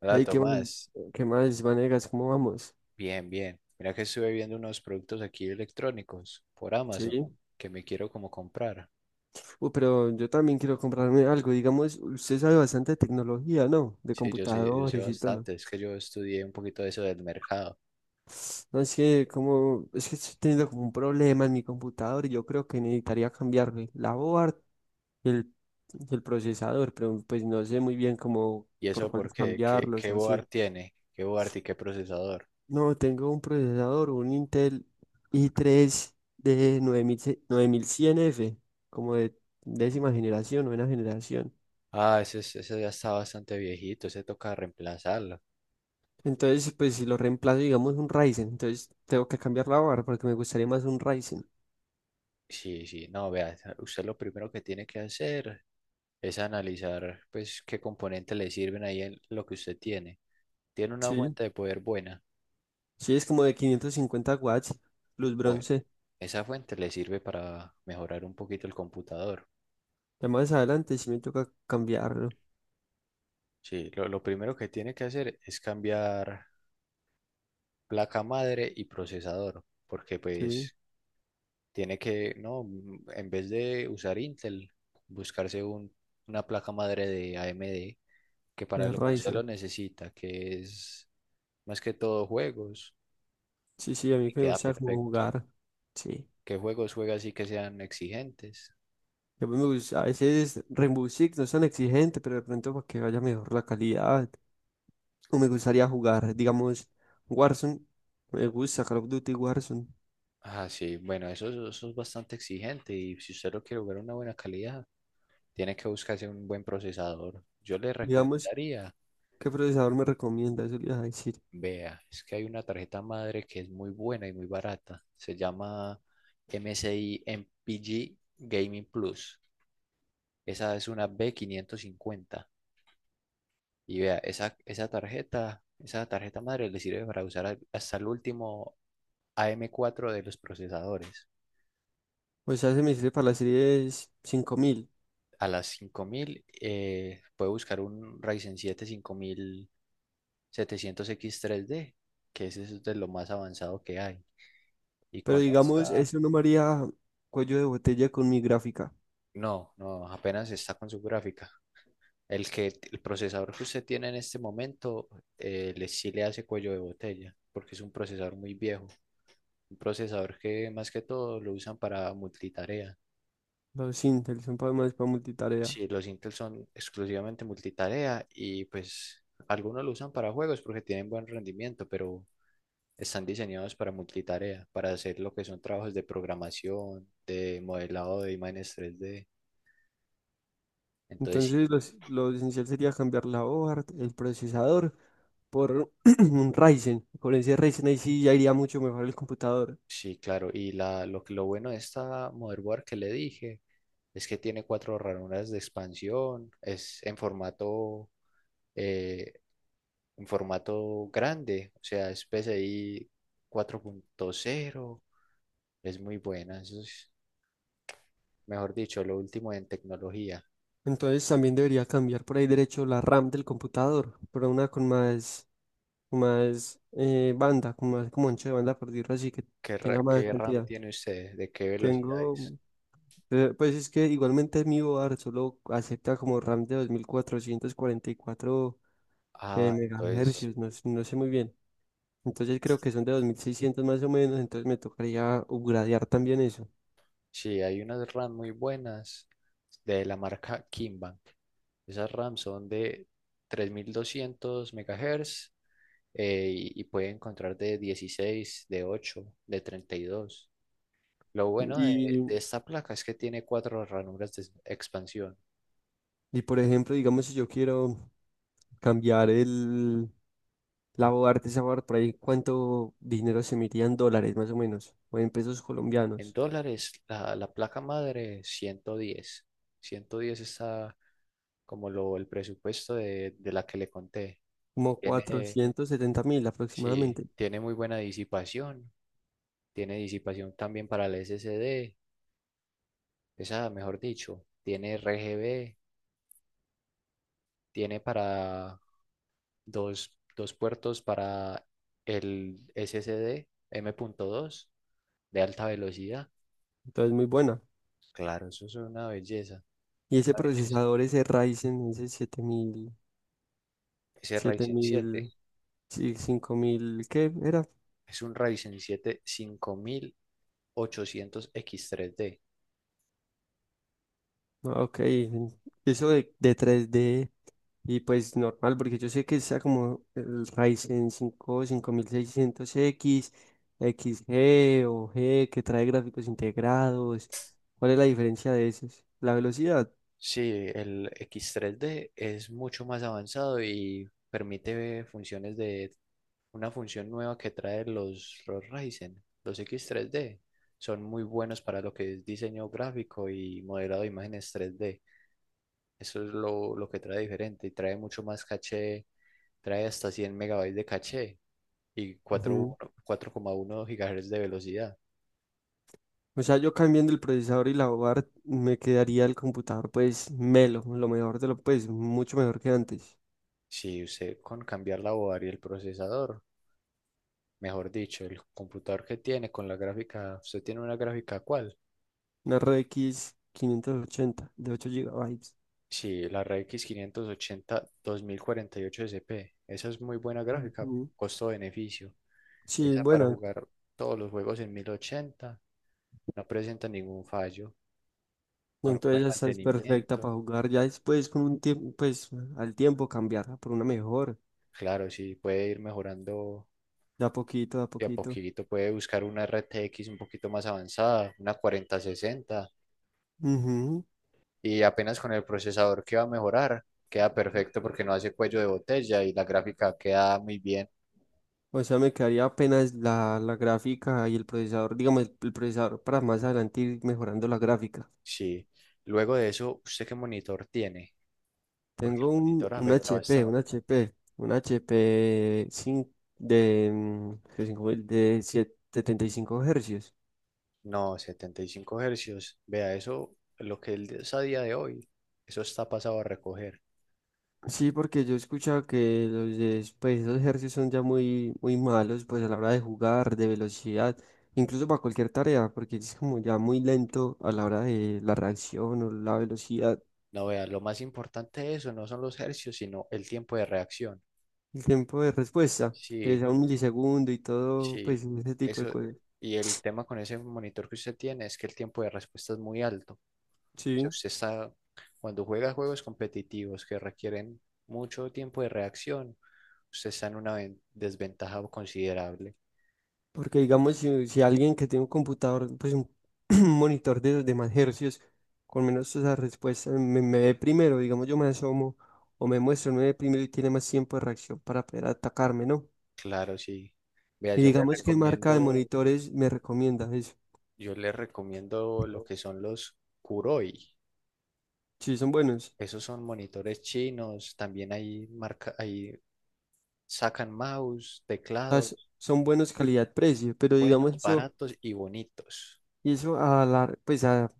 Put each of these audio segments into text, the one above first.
Hola Hey, ¿qué más? Tomás, ¿Qué más, Vanegas? ¿Cómo vamos? bien, bien. Mira que estuve viendo unos productos aquí electrónicos por Amazon Sí. que me quiero como comprar. Pero yo también quiero comprarme algo. Digamos, usted sabe bastante de tecnología, ¿no? De Sí, yo sé computadores y todo. bastante, es que yo estudié un poquito de eso del mercado. No, es que estoy teniendo como un problema en mi computador y yo creo que necesitaría cambiarle la board y el, y el procesador, pero pues no sé muy bien cómo ¿Y por eso cuál porque ¿Qué, cambiarlos o así. board tiene? ¿Qué board y qué procesador? No, tengo un procesador, un Intel i3 de nueve mil cien f, como de novena generación. Ah, ese, ese ya está bastante viejito, ese toca reemplazarlo. Entonces, pues si lo reemplazo, digamos, un Ryzen, entonces tengo que cambiar la barra porque me gustaría más un Ryzen. Sí, sí, no, vea, usted lo primero que tiene que hacer es analizar pues qué componentes le sirven ahí en lo que usted tiene. Tiene una Sí, fuente de poder buena. sí, es como de 550 watts, luz Bueno, bronce. esa fuente le sirve para mejorar un poquito el computador. Ya más adelante sí me toca cambiarlo. Sí, lo primero que tiene que hacer es cambiar placa madre y procesador, porque Sí, pues tiene que, no, en vez de usar Intel, buscarse una placa madre de AMD, que para es lo que usted lo Ryzen. necesita, que es más que todo juegos, Sí, sí, a mí y que me queda gusta como perfecto. jugar. Sí. ¿Qué juegos juega así que sean exigentes? A veces Rainbow Six no es tan exigente, pero de pronto para que vaya mejor la calidad. O me gustaría jugar, digamos, Warzone. Me gusta Call of Duty Warzone. Ah, sí, bueno, eso es bastante exigente y si usted lo quiere jugar a una buena calidad, tiene que buscarse un buen procesador. Yo le Digamos, recomendaría, ¿qué procesador me recomienda? Eso le iba a decir. vea, es que hay una tarjeta madre que es muy buena y muy barata. Se llama MSI MPG Gaming Plus. Esa es una B550. Y vea, esa tarjeta madre le sirve para usar hasta el último AM4 de los procesadores. O sea, se me sirve para la serie es cinco mil. A las 5000, puede buscar un Ryzen siete 5700 x tres d, que ese es de lo más avanzado que hay. Y Pero con digamos, esta, eso no me haría cuello de botella con mi gráfica. no, no, apenas está con su gráfica. El procesador que usted tiene en este momento, sí le hace cuello de botella, porque es un procesador muy viejo. Un procesador que más que todo lo usan para multitarea. Los Intel son para más para multitarea. Sí, los Intel son exclusivamente multitarea y pues algunos lo usan para juegos porque tienen buen rendimiento, pero están diseñados para multitarea, para hacer lo que son trabajos de programación, de modelado de imágenes 3D. Entonces Entonces, lo esencial sería cambiar la hoja, el procesador, por un Ryzen. Con ese Ryzen ahí sí ya iría mucho mejor el computador. Sí, claro. Y lo bueno de esta motherboard que le dije es que tiene cuatro ranuras de expansión, es eh, en formato grande, o sea, es P C I 4.0. Es muy buena, eso es, mejor dicho, lo último en tecnología. Entonces, también debería cambiar por ahí derecho la RAM del computador, por una con más, con más banda, con más como ancho de banda, por decirlo así, que ¿Qué, tenga más qué RAM cantidad. tiene usted? ¿De qué velocidad Tengo, es? Pues es que igualmente mi board solo acepta como RAM de 2444 Ah, entonces megahercios, no sé muy bien. Entonces creo que son de 2600 más o menos, entonces me tocaría upgradear también eso. sí, hay unas RAM muy buenas de la marca Kimbank. Esas RAM son de 3200 MHz y, puede encontrar de 16, de 8, de 32. Lo bueno Y, de esta placa es que tiene cuatro ranuras de expansión. y por ejemplo, digamos si yo quiero cambiar la board, de esa board por ahí, ¿cuánto dinero se me iría en dólares más o menos? O en pesos En colombianos. dólares, la placa madre 110, 110 está como el presupuesto de la que le conté. Como Tiene, 470 mil sí, aproximadamente. tiene muy buena disipación, tiene disipación también para el SSD, esa, mejor dicho, tiene RGB, tiene para dos puertos para el SSD dos de alta velocidad. Entonces, muy buena. Claro, eso es una belleza, Y ese una belleza. procesador, ese Ryzen, ese siete mil Ese siete Ryzen siete mil sí, cinco mil, ¿qué era? es un Ryzen siete 5800 x tres d. Ah, ok, eso de tres d, y pues normal, porque yo sé que está como el Ryzen cinco cinco mil seiscientos x, XG o G, que trae gráficos integrados. ¿Cuál es la diferencia de esos? La velocidad. Sí, el x tres d es mucho más avanzado y permite funciones de una función nueva que trae los Ryzen, los X3D. Son muy buenos para lo que es diseño gráfico y modelado de imágenes 3D. Eso es lo que trae diferente y trae mucho más caché, trae hasta 100 megabytes de caché y 4 4,1 gigahertz de velocidad. O sea, yo cambiando el procesador y la board me quedaría el computador pues melo, lo mejor de mucho mejor que antes. Si usted con cambiar la board y el procesador, mejor dicho, el computador que tiene con la gráfica, usted tiene una gráfica, ¿cuál? Una RX 580 de 8 gigabytes. Sí, la RX 580 2048 SP. Esa es muy buena gráfica, Ujú. costo-beneficio. Sí, Esa para bueno, jugar todos los juegos en 1080, no presenta ningún fallo. Con un entonces buen ya está, es perfecta para mantenimiento. jugar. Ya después con un tiempo, pues al tiempo cambiarla por una mejor, Claro, sí, puede ir mejorando de a poquito, de a de a poquito. poquito. Puede buscar una RTX un poquito más avanzada, una 4060, Ujú. y apenas con el procesador que va a mejorar, queda perfecto porque no hace cuello de botella y la gráfica queda muy bien. O sea, me quedaría apenas la gráfica y el procesador, digamos, el procesador, para más adelante ir mejorando la gráfica. Sí. Luego de eso, ¿usted qué monitor tiene? Porque el Tengo monitor un afecta HP, bastante. Un HP de, mm, que cinco mil- de siete- 75 hercios. No, 75 hercios. Vea, eso, lo que él es a día de hoy, eso está pasado a recoger. Sí, porque yo he escuchado que pues, esos hercios son ya muy malos, pues a la hora de jugar, de velocidad, incluso para cualquier tarea, porque es como ya muy lento a la hora de la reacción o la velocidad, No, vea, lo más importante de eso no son los hercios, sino el tiempo de reacción. el tiempo de respuesta, que Sí, sea un milisegundo y todo, sí. pues ese tipo de Eso, cosas. y el tema con ese monitor que usted tiene es que el tiempo de respuesta es muy alto. O sea, Sí. usted está, cuando juega juegos competitivos que requieren mucho tiempo de reacción, usted está en una desventaja considerable. Porque digamos, si alguien que tiene un computador, pues un, monitor de los demás hercios, con menos esas respuestas me ve primero, digamos, yo me asomo o me muestro, me ve primero y tiene más tiempo de reacción para poder atacarme, ¿no? Claro, sí. Vea, Y digamos, ¿qué marca de monitores me recomienda eso? yo le recomiendo lo que son los Kuroi. Sí, son buenos. Esos son monitores chinos, también hay marca, hay sacan mouse, Ah, teclados, son buenos calidad-precio, pero digamos buenos, eso, baratos y bonitos. y eso a la, pues a,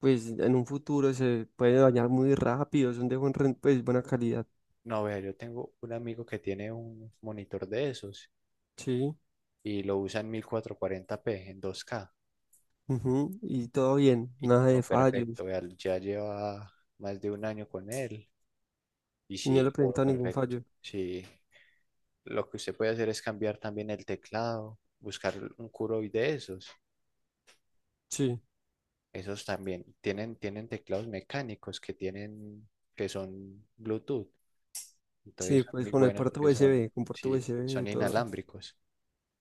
pues en un futuro se puede dañar muy rápido, son de pues buena calidad. No, vea, yo tengo un amigo que tiene un monitor de esos Sí. y lo usa en 1440p en 2K. Ujú, y todo bien, Y nada todo de fallos. perfecto, vea, ya lleva más de un año con él y Y no sí, le he todo presentado ningún perfecto. fallo. Sí, lo que usted puede hacer es cambiar también el teclado, buscar un Kuroi de esos. Sí, Esos también tienen teclados mecánicos que tienen, que son Bluetooth. Entonces sí, son pues muy con el buenos puerto porque son, USB, con puerto sí, USB, son todo. inalámbricos.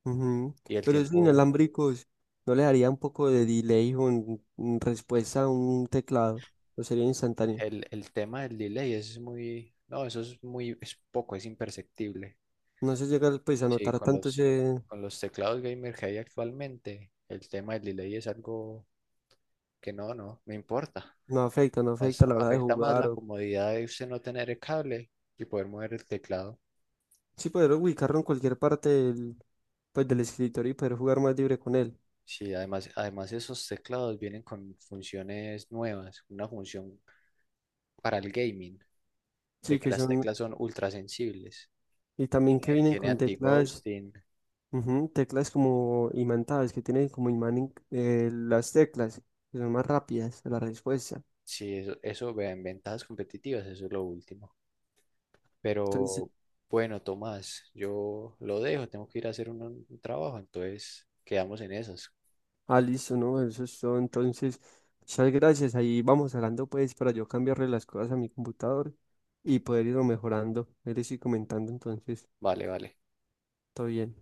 Ujú. Y el Pero esos tiempo, inalámbricos, ¿no le daría un poco de delay en respuesta a un teclado? ¿O sería instantáneo? El tema del delay es muy, no, eso es muy, es poco, es imperceptible. No se llega pues a Sí, notar tanto ese... con los teclados gamer que hay actualmente, el tema del delay es algo que no, no, no importa. No afecta, no Más, afecta a la hora de afecta más jugar. la O... comodidad de usted no tener el cable y poder mover el teclado. Sí, poder ubicarlo en cualquier parte del, pues, del escritorio y poder jugar más libre con él. Sí, además, además esos teclados vienen con funciones nuevas, una función para el gaming, de Sí, que que las son... teclas son ultra sensibles. Y también que Eh, vienen tiene con teclas. anti-ghosting, Ujú, teclas como imantadas, que tienen como imán las teclas, que son más rápidas la respuesta. sí, eso vean, ventajas competitivas, eso es lo último. Entonces, Pero bueno, Tomás, yo lo dejo, tengo que ir a hacer un trabajo, entonces quedamos en esas. ah, listo, ¿no? Eso es todo. Entonces, muchas gracias. Ahí vamos hablando, pues, para yo cambiarle las cosas a mi computador y poder irlo mejorando. Él estoy comentando, entonces, Vale, vale. todo bien.